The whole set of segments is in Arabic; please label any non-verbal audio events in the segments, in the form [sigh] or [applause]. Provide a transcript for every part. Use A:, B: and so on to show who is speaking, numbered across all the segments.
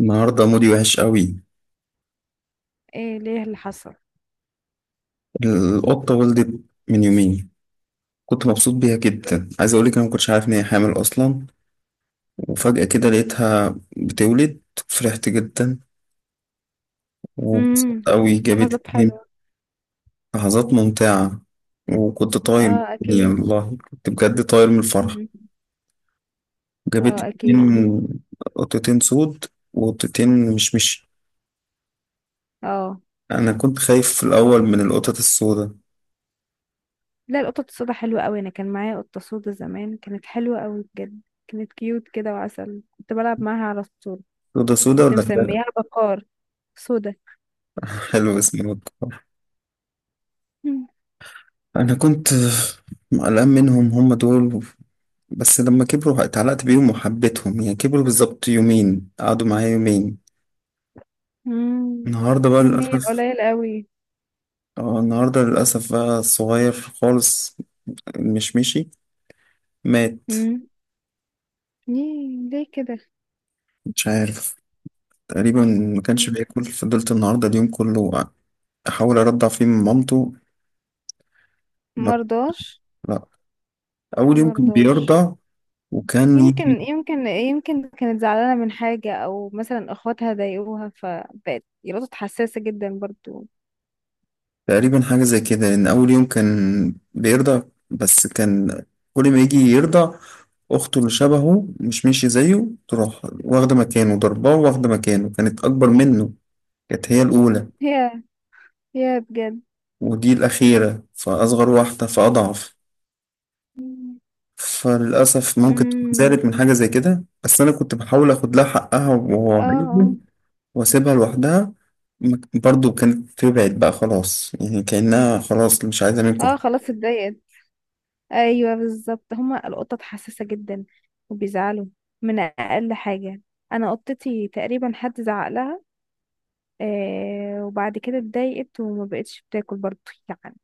A: النهاردة مودي وحش قوي.
B: ايه ليه اللي حصل؟
A: القطة ولدت من يومين. كنت مبسوط بيها جدا، عايز أقولك أنا مكنتش عارف إن هي حامل أصلا، وفجأة كده لقيتها بتولد. فرحت جدا وبسطت
B: امم.
A: قوي، جابت
B: لحظات
A: اتنين.
B: حلوة.
A: لحظات ممتعة، وكنت طاير من
B: اه،
A: الدنيا،
B: اكيد.
A: والله كنت بجد طاير من الفرحة.
B: مم.
A: جابت
B: اه، اكيد.
A: اتنين قطتين سود وقطتين مش مش
B: اه.
A: أنا كنت خايف في الأول من القطط السوداء.
B: لا، القطط السودا حلوة قوي. انا كان معايا قطة سودا زمان كانت حلوة قوي بجد. كانت كيوت كده وعسل، كنت بلعب معاها على طول.
A: سودا سودا
B: كنت
A: ولا حلو؟
B: مسميها بكار. سودا.
A: [laughs] حلو اسمه.
B: مم.
A: انا كنت قلقان منهم هم دول، بس لما كبروا اتعلقت بيهم وحبيتهم، يعني كبروا بالظبط يومين، قعدوا معايا يومين.
B: مم.
A: النهارده بقى
B: يومين
A: للاسف
B: قليل قوي.
A: آه، النهارده للاسف بقى الصغير خالص مش مشي، مات.
B: مم. ليه كده؟
A: مش عارف تقريبا، ما كانش
B: مم.
A: بياكل، فضلت النهارده اليوم كله احاول ارضع فيه من مامته. ما
B: مرضاش.
A: لا، اول يوم كان
B: مرضاش.
A: بيرضع وكان يجي.
B: يمكن كانت زعلانة من حاجة أو مثلا أخواتها ضايقوها فبقت يلقطت حساسة جدا برضو.
A: تقريبا حاجة زي كده، لأن أول يوم كان بيرضع، بس كان كل ما يجي يرضع أخته اللي شبهه مش ماشي زيه تروح واخدة مكانه، ضرباه واخدة مكانه، كانت أكبر منه، كانت هي الأولى.
B: هي هي بجد.
A: ودي الأخيرة فأصغر واحدة فأضعف، فللأسف ممكن تكون
B: امم.
A: زعلت من حاجة زي كده، بس أنا كنت بحاول أخد لها حقها وهو عايزه
B: اه،
A: وأسيبها لوحدها. برضه كانت تبعد بقى خلاص، يعني كأنها خلاص مش عايزة
B: اه.
A: منكم
B: آه،
A: حاجة.
B: خلاص اتضايقت. ايوه، بالظبط، هما القطط حساسة جدا وبيزعلوا من أقل حاجة. أنا قطتي تقريبا حد زعق لها، آه، وبعد كده اتضايقت وما بقتش بتاكل برضو، يعني.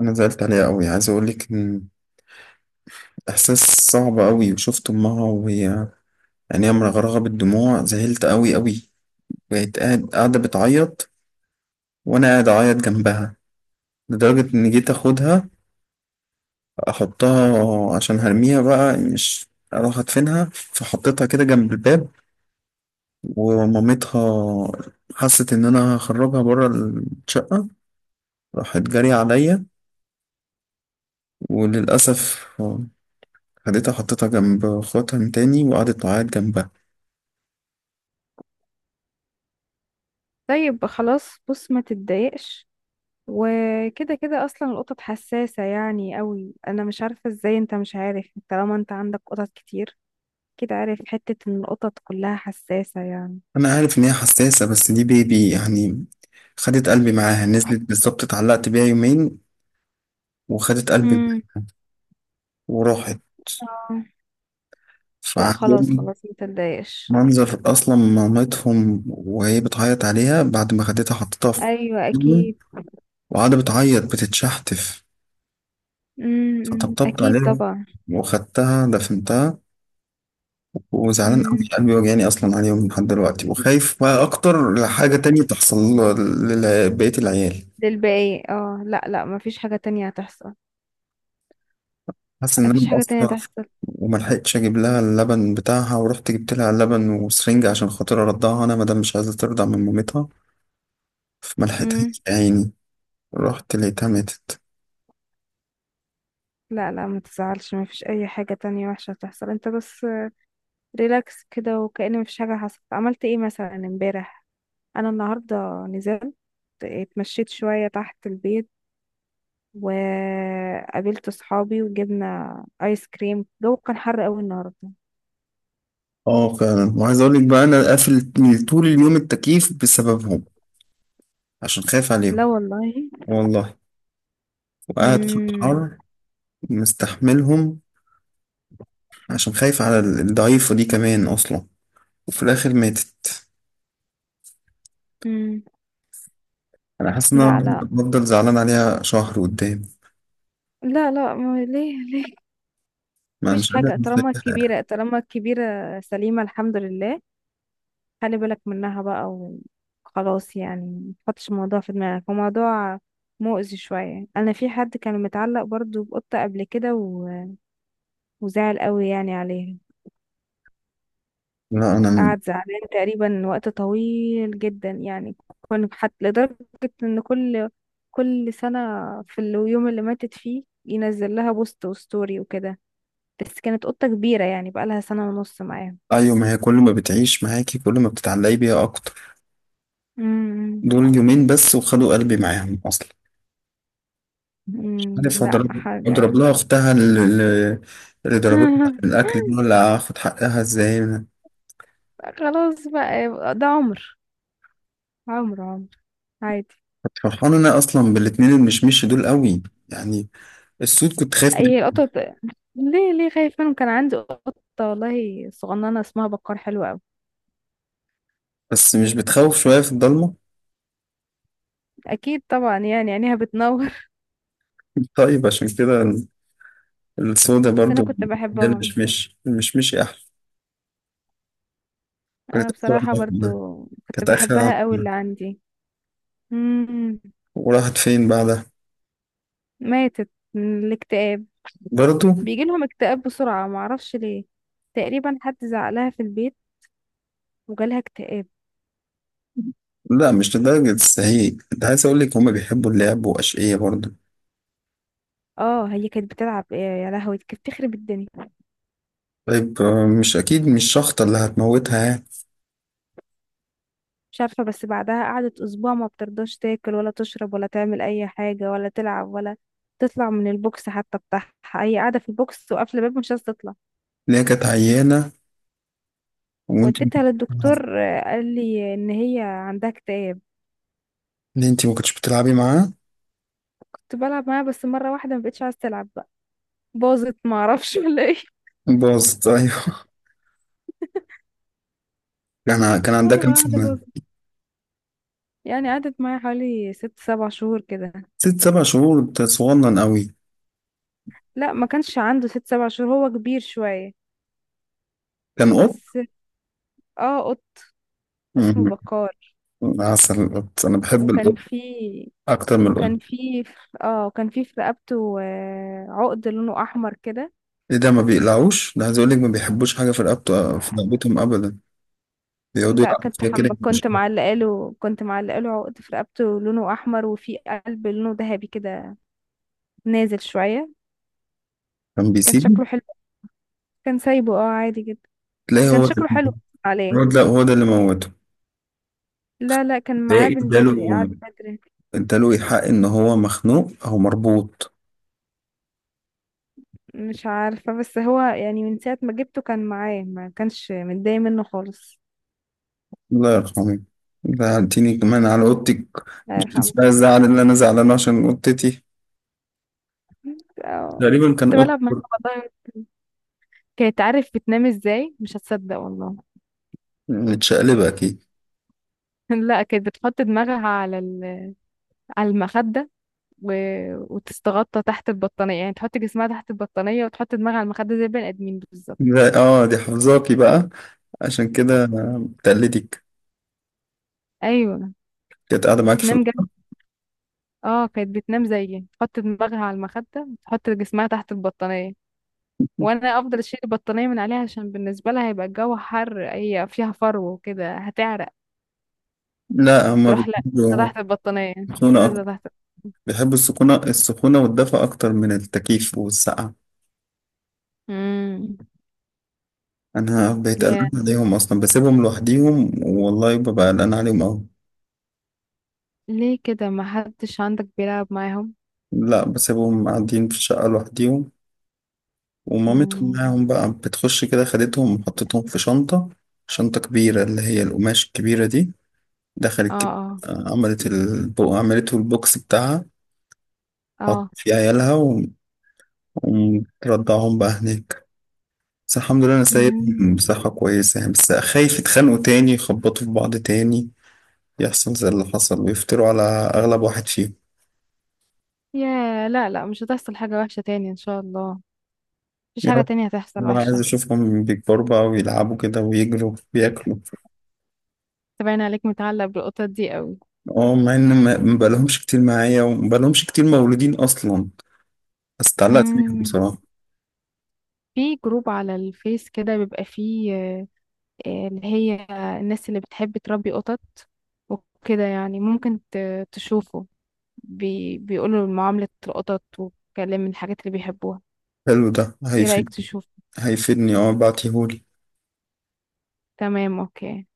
A: أنا زعلت عليها أوي، عايز أقولك إن إحساس صعب أوي، وشفت أمها وهي عينيها مرغرغة بالدموع، زعلت أوي أوي. بقت قاعدة بتعيط وأنا قاعد أعيط جنبها، لدرجة إن جيت أخدها أحطها عشان هرميها بقى، مش أروح أدفنها، فحطيتها كده جنب الباب، ومامتها حست إن أنا هخرجها بره الشقة، راحت جري عليا. وللأسف خدتها حطيتها جنب خواتها تاني، وقعدت تعيط جنبها.
B: طيب، خلاص، بص، ما تتضايقش. وكده كده اصلا القطط حساسة يعني قوي. انا مش عارفة ازاي انت مش عارف، طالما انت عندك قطط كتير كده، عارف حتة ان القطط كلها حساسة يعني.
A: أنا عارف إن هي حساسة، بس دي بيبي يعني، خدت قلبي معاها، نزلت بالظبط اتعلقت بيها يومين وخدت قلبي
B: امم.
A: معاها وراحت.
B: اه. لا، خلاص،
A: فعجبني
B: خلاص، متضايقش.
A: منظر أصلا مامتهم وهي بتعيط عليها بعد ما خدتها حطيتها في
B: ايوه،
A: جنب،
B: اكيد.
A: وقاعدة بتعيط بتتشحتف.
B: امم،
A: فطبطبت
B: اكيد
A: عليها
B: طبعا.
A: وخدتها دفنتها، وزعلان قوي،
B: امم.
A: قلبي وجعني أصلا عليهم لحد دلوقتي، وخايف بقى أكتر لحاجة تانية تحصل لبقية العيال.
B: ده الباقي، اه، لا، لا، مفيش حاجة تانية هتحصل.
A: حاسس ان انا
B: مفيش حاجة تانية
A: مقصر،
B: هتحصل.
A: وما لحقتش اجيب لها اللبن بتاعها، ورحت جبت لها لبن وسرنج عشان خاطر ارضعها انا، مادام مش عايزه ترضع من مامتها، فما
B: امم.
A: لحقتهاش يا عيني، رحت لقيتها ماتت.
B: لا، لا، ما تزعلش، مفيش اي حاجة تانية وحشة هتحصل. انت بس ريلاكس كده وكأن مفيش حاجة حصلت. عملت ايه مثلا امبارح؟ انا النهارده نزلت، اتمشيت شويه تحت البيت، وقابلت صحابي وجبنا ايس كريم. الجو كان حر قوي النهارده.
A: اه فعلا، وعايز اقول لك بقى انا قافل طول اليوم التكييف بسببهم، عشان خايف
B: لا
A: عليهم،
B: والله.
A: والله، وقاعد في
B: امم.
A: الحر مستحملهم عشان خايف على الضعيفه دي كمان اصلا، وفي الاخر ماتت.
B: امم.
A: انا حاسس ان انا
B: لا، لا.
A: هفضل زعلان عليها شهر قدام،
B: لا، لا، ما ليه؟
A: ما أنا
B: مفيش
A: مش قادر
B: حاجه، طالما
A: أنساها.
B: الكبيره طالما الكبيره سليمه، الحمد لله. خلي بالك منها بقى، وخلاص يعني. ما تحطش الموضوع في دماغك، هو موضوع مؤذي شويه. انا في حد كان متعلق برضو بقطه قبل كده وزعل قوي يعني عليها،
A: لا انا،
B: قعد زعلان تقريبا وقت طويل جدا يعني. كنا حتى لدرجة ان كل سنة في اليوم اللي ماتت فيه ينزل لها بوست وستوري وكده، بس كانت قطة كبيرة يعني، بقالها سنة ونص معاه.
A: ايوه ما هي كل ما بتعيش معاكي كل ما بتتعلقي بيها اكتر،
B: امم.
A: دول يومين بس وخدوا قلبي معاهم اصلا. مش
B: أمم،
A: عارف
B: لا
A: اضرب
B: حاجة.
A: لها اختها اللي ضربتها في
B: [laughs]
A: الاكل دي، ولا اخد حقها ازاي انا.
B: خلاص بقى، يبقى ده عمر، عمر، عمر، عادي.
A: فرحان انا اصلا بالاتنين المشمش دول قوي يعني. السود كنت خايف
B: اي
A: منه،
B: قطط؟ ليه خايف منهم؟ كان عندي قطة والله صغننة اسمها بكار حلوة أوي.
A: بس مش بتخوف شويه في الضلمه؟
B: أكيد طبعا، يعني عينيها بتنور.
A: طيب عشان كده
B: [laughs]
A: السودا
B: بس أنا
A: برضو.
B: كنت
A: ده
B: بحبهم.
A: المشمش المشمشي احلى.
B: انا
A: كانت اخر
B: بصراحة برضو
A: عن-
B: كنت
A: كانت اخر
B: بحبها قوي،
A: عن-
B: اللي عندي. مم.
A: وراحت فين بعدها؟
B: ماتت من الاكتئاب.
A: برضو؟
B: بيجي لهم اكتئاب بسرعة، معرفش ليه. تقريبا حد زعلها في البيت وجالها اكتئاب.
A: لا مش لدرجة السهيج، انت عايز اقول لك هما بيحبوا اللعب واشقية برضه.
B: اه، هي كانت بتلعب ايه؟ يا لهوي، كانت بتخرب الدنيا.
A: طيب آه، مش اكيد مش شخطة اللي هتموتها يعني.
B: مش عارفة، بس بعدها قعدت اسبوع ما بترضاش تاكل ولا تشرب ولا تعمل اي حاجة ولا تلعب ولا تطلع من البوكس حتى بتاعها، هي قاعدة في البوكس وقافلة الباب مش عايزة تطلع.
A: اللي هي كانت عيانة، وانت ما
B: وديتها
A: كنتش بتلعبي-
B: للدكتور، آه، قال لي ان هي عندها اكتئاب.
A: اللي انت ما كنتش بتلعبي معاه،
B: كنت بلعب معاها، بس مرة واحدة ما بقتش عايزة تلعب بقى، باظت، ما اعرفش ولا ايه.
A: باظت ايوه. كان
B: [laughs]
A: عندها كام
B: مرة واحدة
A: سنة؟
B: باظت، يعني قعدت معايا حوالي 6 7 شهور كده.
A: ست سبع شهور؟ انت صغنن قوي.
B: لا، ما كانش عنده 6 7 شهور، هو كبير شوية
A: كان قط؟
B: بس. اه، قط. اسمه
A: مم.
B: بكار.
A: عسل القط، انا بحب
B: وكان
A: القط
B: في
A: اكتر من القط.
B: وكان في اه وكان في في رقبته، عقد لونه احمر كده.
A: ايه ده؟ ما بيقلعوش ده، عايز اقول لك ما بيحبوش حاجة في رقبته، في رقبتهم ابدا، بيقعدوا
B: لا،
A: يلعبوا فيها كده.
B: كنت معلقه له عقد في رقبته لونه احمر، وفي قلب لونه ذهبي كده، نازل شويه.
A: كان
B: كان شكله
A: بيسيب؟
B: حلو. كان سايبه عادي جدا.
A: تلاقي
B: كان شكله حلو عليه.
A: هو ده اللي موته
B: لا، لا، كان
A: ده.
B: معاه من بدري،
A: اداله
B: قعد بدري.
A: اداله الحق ان هو مخنوق او مربوط.
B: مش عارفة، بس هو يعني من ساعة ما جبته كان معاه، ما كانش متضايق منه خالص.
A: الله يرحمه. زعلتيني كمان على اوضتك،
B: الله
A: مش بس
B: يرحمه.
A: بقى الزعل اللي انا زعلانه عشان اوضتتي،
B: آه،
A: غالبا كان
B: كنت بلعب معاها،
A: اوضتك،
B: والله. كانت، عارف بتنام ازاي؟ مش هتصدق والله.
A: متشقلبه اكيد.
B: [laughs] لا، كانت بتحط دماغها على المخدة و... وتستغطى تحت البطانية، يعني تحط جسمها تحت البطانية وتحط دماغها على المخدة زي البني آدمين بالظبط.
A: لا، اه دي حافظاكي بقى، عشان كده تقلدك.
B: أيوة.
A: كانت قاعده معاكي في
B: تنام جنب.
A: الأوضة.
B: اه، كانت بتنام زيي، تحط دماغها على المخدة وتحط جسمها تحت البطانية، وانا افضل اشيل البطانيه من عليها، عشان بالنسبه لها هيبقى الجو حر، هي فيها فرو وكده هتعرق.
A: لا هما
B: تروح، لا،
A: بيحبوا
B: تحت البطانيه
A: السكونة
B: نازله
A: أكتر،
B: تحت.
A: بيحبوا السكونة السخونة والدفء أكتر من التكييف والسقعة.
B: امم.
A: أنا بقيت
B: يا،
A: قلقان عليهم أصلا، بسيبهم لوحديهم والله ببقى قلقان عليهم أوي.
B: ليه كده؟ ما حدش عندك بيلعب معاهم؟
A: لا بسيبهم قاعدين في الشقة لوحديهم ومامتهم
B: امم.
A: معاهم بقى، بتخش كده خدتهم وحطتهم في شنطة، شنطة كبيرة اللي هي القماش الكبيرة دي،
B: اه،
A: دخلت كده
B: اه.
A: آه، عملته البوكس بتاعها، حط
B: اه.
A: في عيالها ومرضعهم بقى هناك. بس الحمد لله أنا سايبهم
B: امم.
A: بصحة كويسة، يعني بس خايف يتخانقوا تاني، يخبطوا في بعض تاني، يحصل زي اللي حصل ويفتروا على أغلب واحد فيهم.
B: يا، لا، لا، مش هتحصل حاجه وحشه تاني ان شاء الله. مفيش
A: يا
B: حاجه
A: رب.
B: تانية هتحصل
A: أنا عايز
B: وحشه.
A: أشوفهم بيكبروا بقى ويلعبوا كده ويجروا وياكلوا.
B: تبين عليك متعلق بالقطط دي قوي.
A: اه مع ان ما بقالهمش كتير معايا وما بقالهمش كتير مولودين اصلا، بس اتعلقت بيهم
B: امم.
A: بصراحة.
B: في جروب على الفيس كده بيبقى فيه، آه، اللي هي، الناس اللي بتحب تربي قطط وكده، يعني ممكن تشوفه، بيقولوا معاملة القطط وكلام من الحاجات اللي بيحبوها.
A: حلو ده،
B: ايه رأيك
A: هيفيد.
B: تشوف؟
A: هيفيدني اه، بعتيهولي.
B: تمام، اوكي.